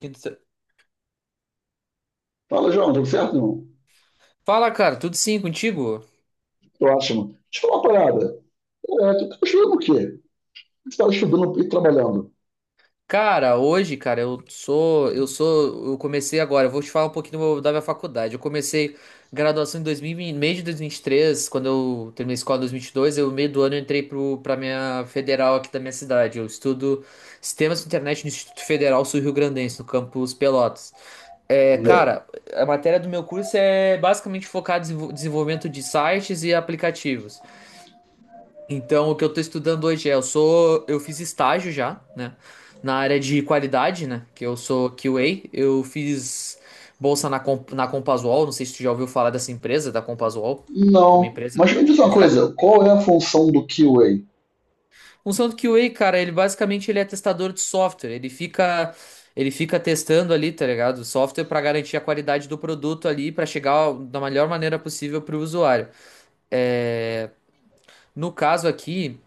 Quinta- Fala, João, tudo certo, irmão? Fala, cara, tudo sim contigo? Tô ótimo. Deixa eu falar uma parada. É, tu tá estudando o quê? Você tá estudando e trabalhando? Cara, hoje, cara, eu comecei agora, eu vou te falar um pouquinho do meu- da minha faculdade. Eu comecei graduação em 2000, e- vinte meio de 2023, quando eu terminei a escola em 2022, eu meio do ano eu entrei pra minha federal aqui da minha cidade. Eu estudo Sistemas de Internet no Instituto Federal Sul-Rio Grandense, no campus Pelotas. É, Maneiro. cara, a matéria do meu curso é basicamente focada em desenvol- desenvolvimento de sites e aplicativos. Então, o que eu tô estudando hoje é, eu sou, eu fiz estágio já, né, na área de qualidade, né, que eu sou QA. Eu fiz bolsa na, Com- na Compasual, não sei se tu já ouviu falar dessa empresa, da Compasual, é uma Não. empresa... Mas me diz uma coisa, qual é a função do QA? Função do QA, cara, ele basicamente ele é testador de software. Ele fica, ele fica testando ali, tá ligado, o software pra garantir a qualidade do produto ali, pra chegar da melhor maneira possível pro usuário. É, No caso aqui,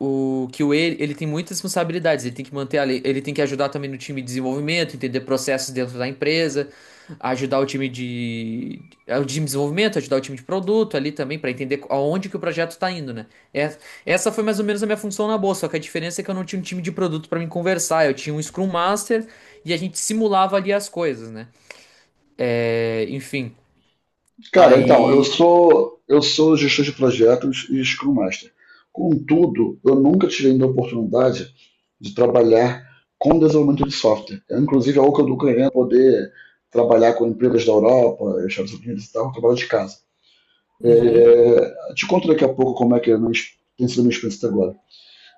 o que ele tem muitas responsabilidades. Ele tem que manter a lei, ele tem que ajudar também no time de desenvolvimento, entender processos dentro da empresa, ajudar o time de, o time de desenvolvimento, ajudar o time de produto ali também para entender aonde que o projeto está indo, né? É- essa foi mais ou menos a minha função na bolsa, só que a diferença é que eu não tinha um time de produto para me conversar, eu tinha um Scrum Master e a gente simulava ali as coisas, né? É, enfim, Cara, então, eu aí. sou eu sou gestor de projetos e Scrum Master. Contudo, eu nunca tive ainda a oportunidade de trabalhar com desenvolvimento de software. É, inclusive, é algo que eu estou querendo poder trabalhar com empresas da Europa, Estados Unidos e tal, trabalhar de casa. Uhum. É, te conto daqui a pouco como é que é a tem sido a minha experiência até agora.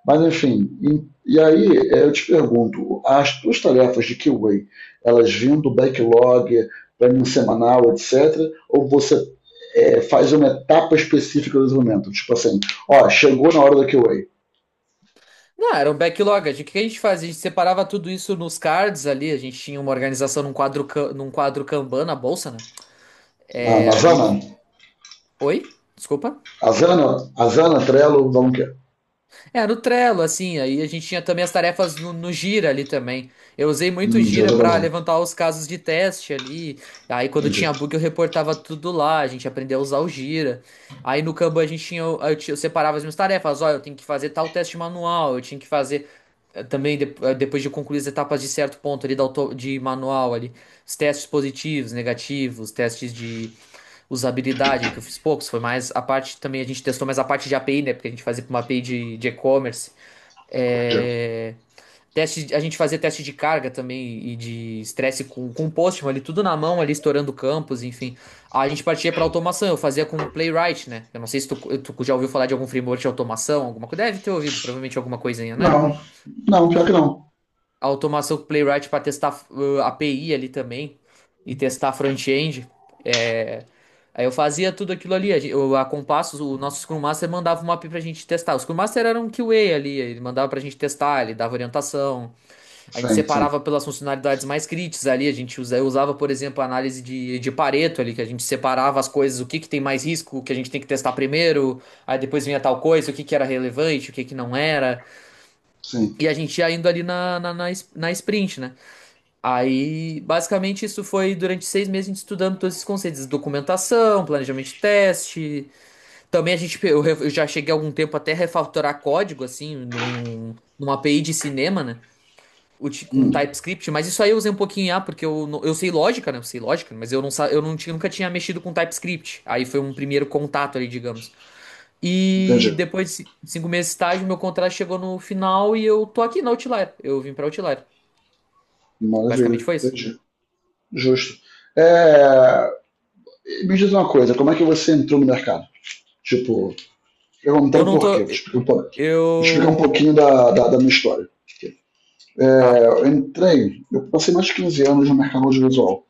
Mas, enfim, e aí eu te pergunto, as tuas tarefas de QA, elas vêm do backlog, planning semanal, etc., ou você faz uma etapa específica do desenvolvimento? Tipo assim, ó, chegou na hora da QA. Não, era um backlog. A gente- O que a gente fazia? A gente separava tudo isso nos cards ali. A gente tinha uma organização num quadro, ca- num quadro Kanban na bolsa, né? Na, na É, ali. Zana, Oi? Desculpa. a Zana, a Zana, Trello, vamos que é. É, no Trello, assim, aí a gente tinha também as tarefas no Gira ali também. Eu usei muito o Já Gira tá pra bom. levantar os casos de teste ali. Aí quando Entendi, tinha bug eu reportava tudo lá, a gente aprendeu a usar o Gira. Aí no Kanban a gente tinha, eu tinha- eu separava as minhas tarefas, olha, eu tenho que fazer tal teste manual, eu tinha que fazer também de- depois de concluir as etapas de certo ponto ali da auto- de manual ali, os testes positivos, negativos, testes de usabilidade, que eu fiz poucos, foi mais a parte também, a gente testou mais a parte de API, né? Porque a gente fazia para uma API de e-commerce. entendi. É, Teste, a gente fazia teste de carga também e de estresse com Postman ali, tudo na mão, ali estourando campos, enfim. A gente partia para automação, eu fazia com Playwright, né? Eu não sei se tu já ouviu falar de algum framework de automação, alguma coisa. Deve ter ouvido, provavelmente alguma coisinha, né? Não, não, pior que não. A automação com o Playwright para testar API ali também e testar front-end. É, Aí eu fazia tudo aquilo ali. A, gen- eu- a Compassos, o nosso Scrum Master mandava uma API pra gente testar. O Scrum Master era um QA ali, ele mandava pra gente testar, ele dava orientação. A gente Sim, sim, separava pelas funcionalidades mais críticas ali. A gente usa- eu usava, por exemplo, a análise de Pareto ali, que a gente separava as coisas, o que que tem mais risco, o que a gente tem que testar primeiro. Aí depois vinha tal coisa, o que que era relevante, o que que não era. sim. E a gente ia indo ali es- na sprint, né? Aí, basicamente, isso foi durante 6 meses a gente estudando todos esses conceitos, documentação, planejamento de teste. Também a gente, eu, re- eu já cheguei há algum tempo até a refatorar código, assim, numa API de cinema, né? Uti- Com Hum, TypeScript, mas isso aí eu usei um pouquinho em A, porque eu, não- eu sei lógica, né? Eu sei lógica, mas eu não, sa- eu não tinha, nunca tinha mexido com TypeScript. Aí foi um primeiro contato ali, digamos. E Entendi. depois de ci- 5 meses de estágio, meu contrato chegou no final e eu tô aqui na Outlier. Eu vim pra Outlier. Maravilha, Basicamente foi isso. entendi. Justo. É, Me diz uma coisa, como é que você entrou no mercado? Tipo, Eu perguntando não por quê, tô. vou te explicar um Eu. pouquinho da minha história. É, Tá. Eu passei mais de 15 anos no mercado audiovisual.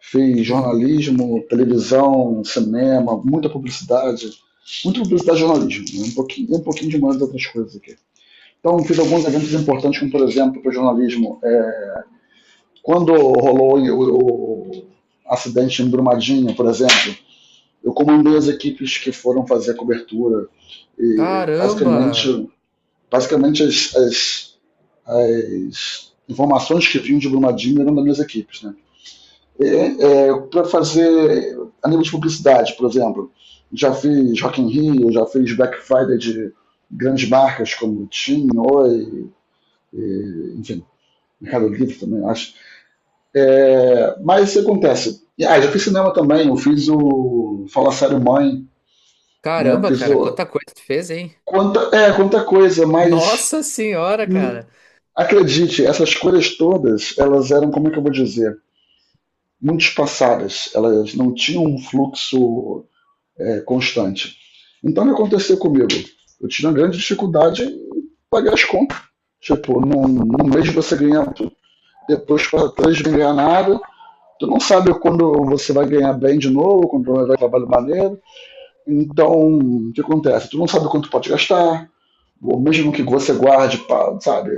Fiz Uhum. jornalismo, televisão, cinema, muita muita publicidade e jornalismo, né? Um um pouquinho de mais outras coisas aqui. Então, fiz alguns eventos importantes, como por exemplo, para o jornalismo, quando rolou o acidente em Brumadinho, por exemplo, eu comandei as equipes que foram fazer a cobertura e Caramba! basicamente, basicamente as informações que vinham de Brumadinho eram das minhas equipes, né? É, para fazer a nível de publicidade, por exemplo, já fiz Rock in Rio, já fiz Black Friday de grandes marcas como Tim, Oi, e, enfim, Mercado Livre também, acho. É, mas isso acontece. Já fiz cinema também, eu fiz o Fala Sério Mãe, né? Caramba, Fiz cara, o. quanta coisa tu fez, hein? Quanta coisa, mas Nossa senhora, hum, cara. acredite, essas coisas todas, elas eram, como é que eu vou dizer? Muito espaçadas, elas não tinham um fluxo constante. Então o que aconteceu comigo? Eu tive uma grande dificuldade em pagar as contas. Tipo, num mês você ganha, depois para três não ganha nada. Tu não sabe quando você vai ganhar bem de novo, quando vai dar trabalho maneiro. Então, o que acontece? Tu não sabe quanto pode gastar, ou mesmo que você guarde, pra, sabe?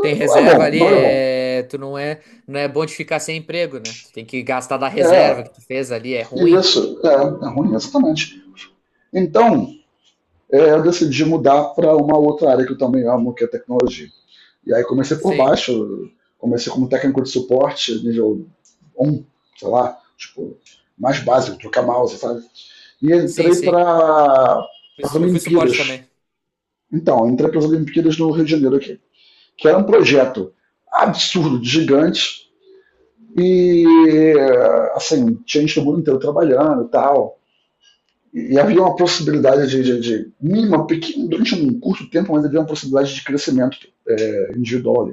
Tem é reserva bom, ali, não é bom. é. Tu não é. Não é bom de ficar sem emprego, né? Tu tem que gastar da É, reserva que tu fez ali, é ruim. isso, é ruim, exatamente. Então, eu decidi mudar para uma outra área que eu também amo, que é tecnologia. E aí comecei por Sim, baixo, comecei como técnico de suporte, nível 1, sei lá, tipo, mais básico, trocar mouse, sabe? E sim, entrei sim. para as Eu fui suporte Olimpíadas. também. Então, entrei para as Olimpíadas no Rio de Janeiro aqui, que era um projeto absurdo, gigante, e assim, tinha gente do mundo inteiro trabalhando e tal. E havia uma possibilidade de mínima, pequena, durante um curto tempo, mas havia uma possibilidade de crescimento individual.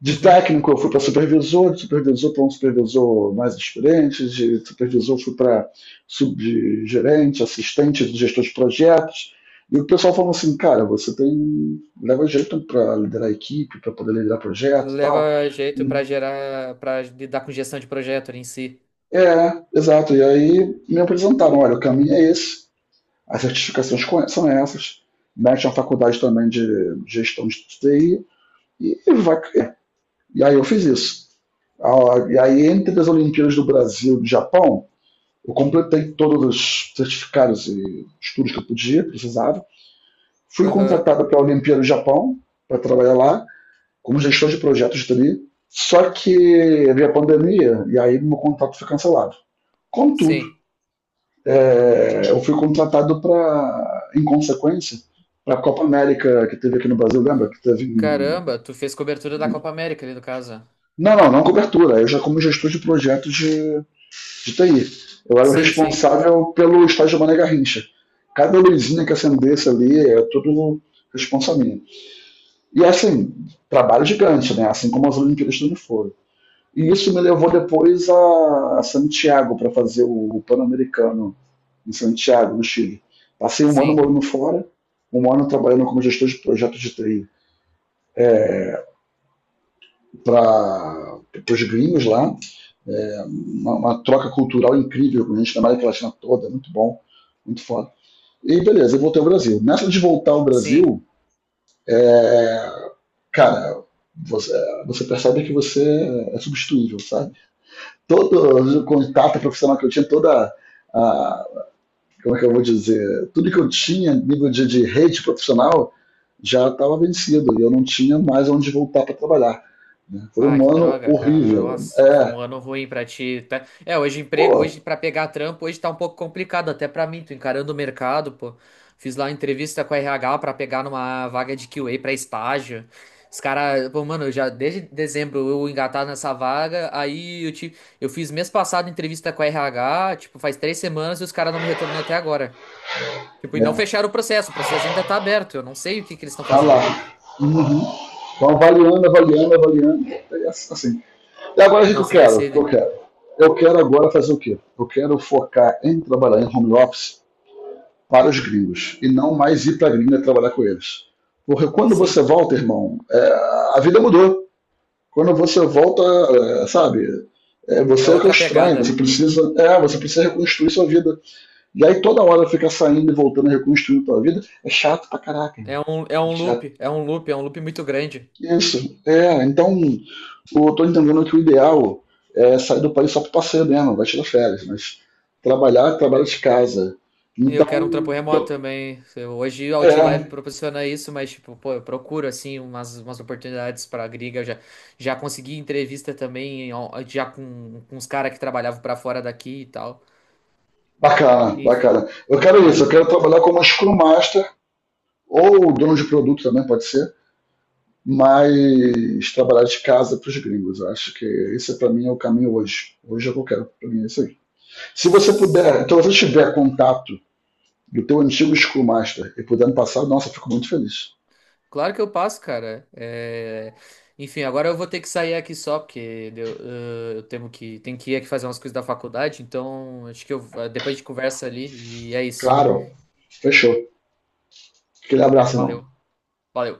De Uhum. técnico eu fui para supervisor, de supervisor para um supervisor mais experiente, de supervisor fui para subgerente, assistente de gestor de projetos. E o pessoal falou assim, cara, você tem leva jeito para liderar a equipe, para poder liderar projeto e tal. Leva jeito pra gerar. Pra lidar com gestão de projeto ali em si. É, exato. E aí me apresentaram, olha, o caminho é esse, as certificações são essas, mete uma faculdade também de gestão de TI e vai. E aí eu fiz isso. E aí, entre as Olimpíadas do Brasil e do Japão, eu completei todos os certificados e estudos que eu precisava. Fui Aham. contratado para a Olimpíada do Japão, para trabalhar lá, como gestor de projetos ali. Só que veio a pandemia e aí meu contrato foi cancelado. Contudo, Sim. Eu fui contratado para, em consequência, para a Copa América que teve aqui no Brasil, lembra? Que teve. Caramba, tu fez cobertura da Copa América ali no caso. Não, não, não cobertura. Eu já como gestor de projetos de TI. Eu era o Sim, sim, responsável pelo estágio Mané Garrincha. Cada luzinha que acendesse ali é tudo responsa minha. E assim, trabalho gigante, né? Assim como as Olimpíadas também foram. E isso me levou depois a Santiago para fazer o Pan-Americano em Santiago, no Chile. Passei um ano sim, morando fora, um ano trabalhando como gestor de projetos de TI para os gringos lá. Troca cultural incrível com a gente na América Latina toda, muito bom, muito foda. E beleza, eu voltei ao Brasil. Nessa de voltar ao sim. Brasil, é, cara, você, você percebe que você é substituível, sabe? Todo o contato profissional que eu tinha, toda a. Como é que eu vou dizer? Tudo que eu tinha a nível de rede profissional já estava vencido e eu não tinha mais onde voltar para trabalhar, né? Foi Ah, um que ano droga, cara. horrível. Nossa, foi um ano ruim pra ti, tá? É, hoje emprego, pô, hoje pra pegar trampo, hoje tá um pouco complicado até pra mim, tô encarando o mercado, pô. Fiz lá uma entrevista com a RH pra pegar numa vaga de QA pra estágio. Os caras, pô, mano, eu já desde dezembro eu engatado nessa vaga, aí eu tive, eu fiz mês passado entrevista com a RH, tipo, faz 3 semanas e os caras não me retornam até agora. Tipo, e não é, fecharam o processo ainda tá aberto, eu não sei o que que eles estão tá lá. fazendo. Então, avaliando, avaliando, avaliando. E agora o que Não eu se quero? eu decide. quero? Eu quero agora fazer o quê? Eu quero focar em trabalhar em home office para os gringos e não mais ir para a gringa trabalhar com eles. Porque quando Sim, você volta, irmão, a vida mudou. Quando você volta, sabe, é você é que é o outra estranho, pegada. Você precisa reconstruir sua vida. E aí toda hora fica saindo e voltando reconstruindo sua vida, é chato pra caraca, irmão. É É um chato. loop, é um loop é um loop muito grande. Isso. Então, eu tô entendendo que o ideal é sair do país só para passeio mesmo, vai tirar férias, mas trabalhar, trabalho de casa. E eu quero um trampo Então, remoto tô- também. Eu- Hoje o Outlier me é, proporciona isso, mas tipo, pô, eu procuro assim umas oportunidades pra gringa. Eu já, já consegui entrevista também, ó, já com os caras que trabalhavam pra fora daqui e tal. Bacana, Enf- bacana. Eu quero é, isso, eu mas... quero trabalhar como Scrum Master ou dono de produto também, pode ser, mas trabalhar de casa para os gringos. Eu acho que esse para mim é o caminho hoje. Hoje é o que eu quero para mim, é isso aí. Se você s- puder, então se você tiver contato do teu antigo Scrum Master e puder me passar, nossa, eu fico muito feliz. Claro que eu passo, cara. É, Enfim, agora eu vou ter que sair aqui só, porque deu- eu tenho que ir aqui fazer umas coisas da faculdade, então acho que eu, depois a gente conversa ali e é isso. Claro, fechou. Aquele abraço, irmão. Valeu. Valeu.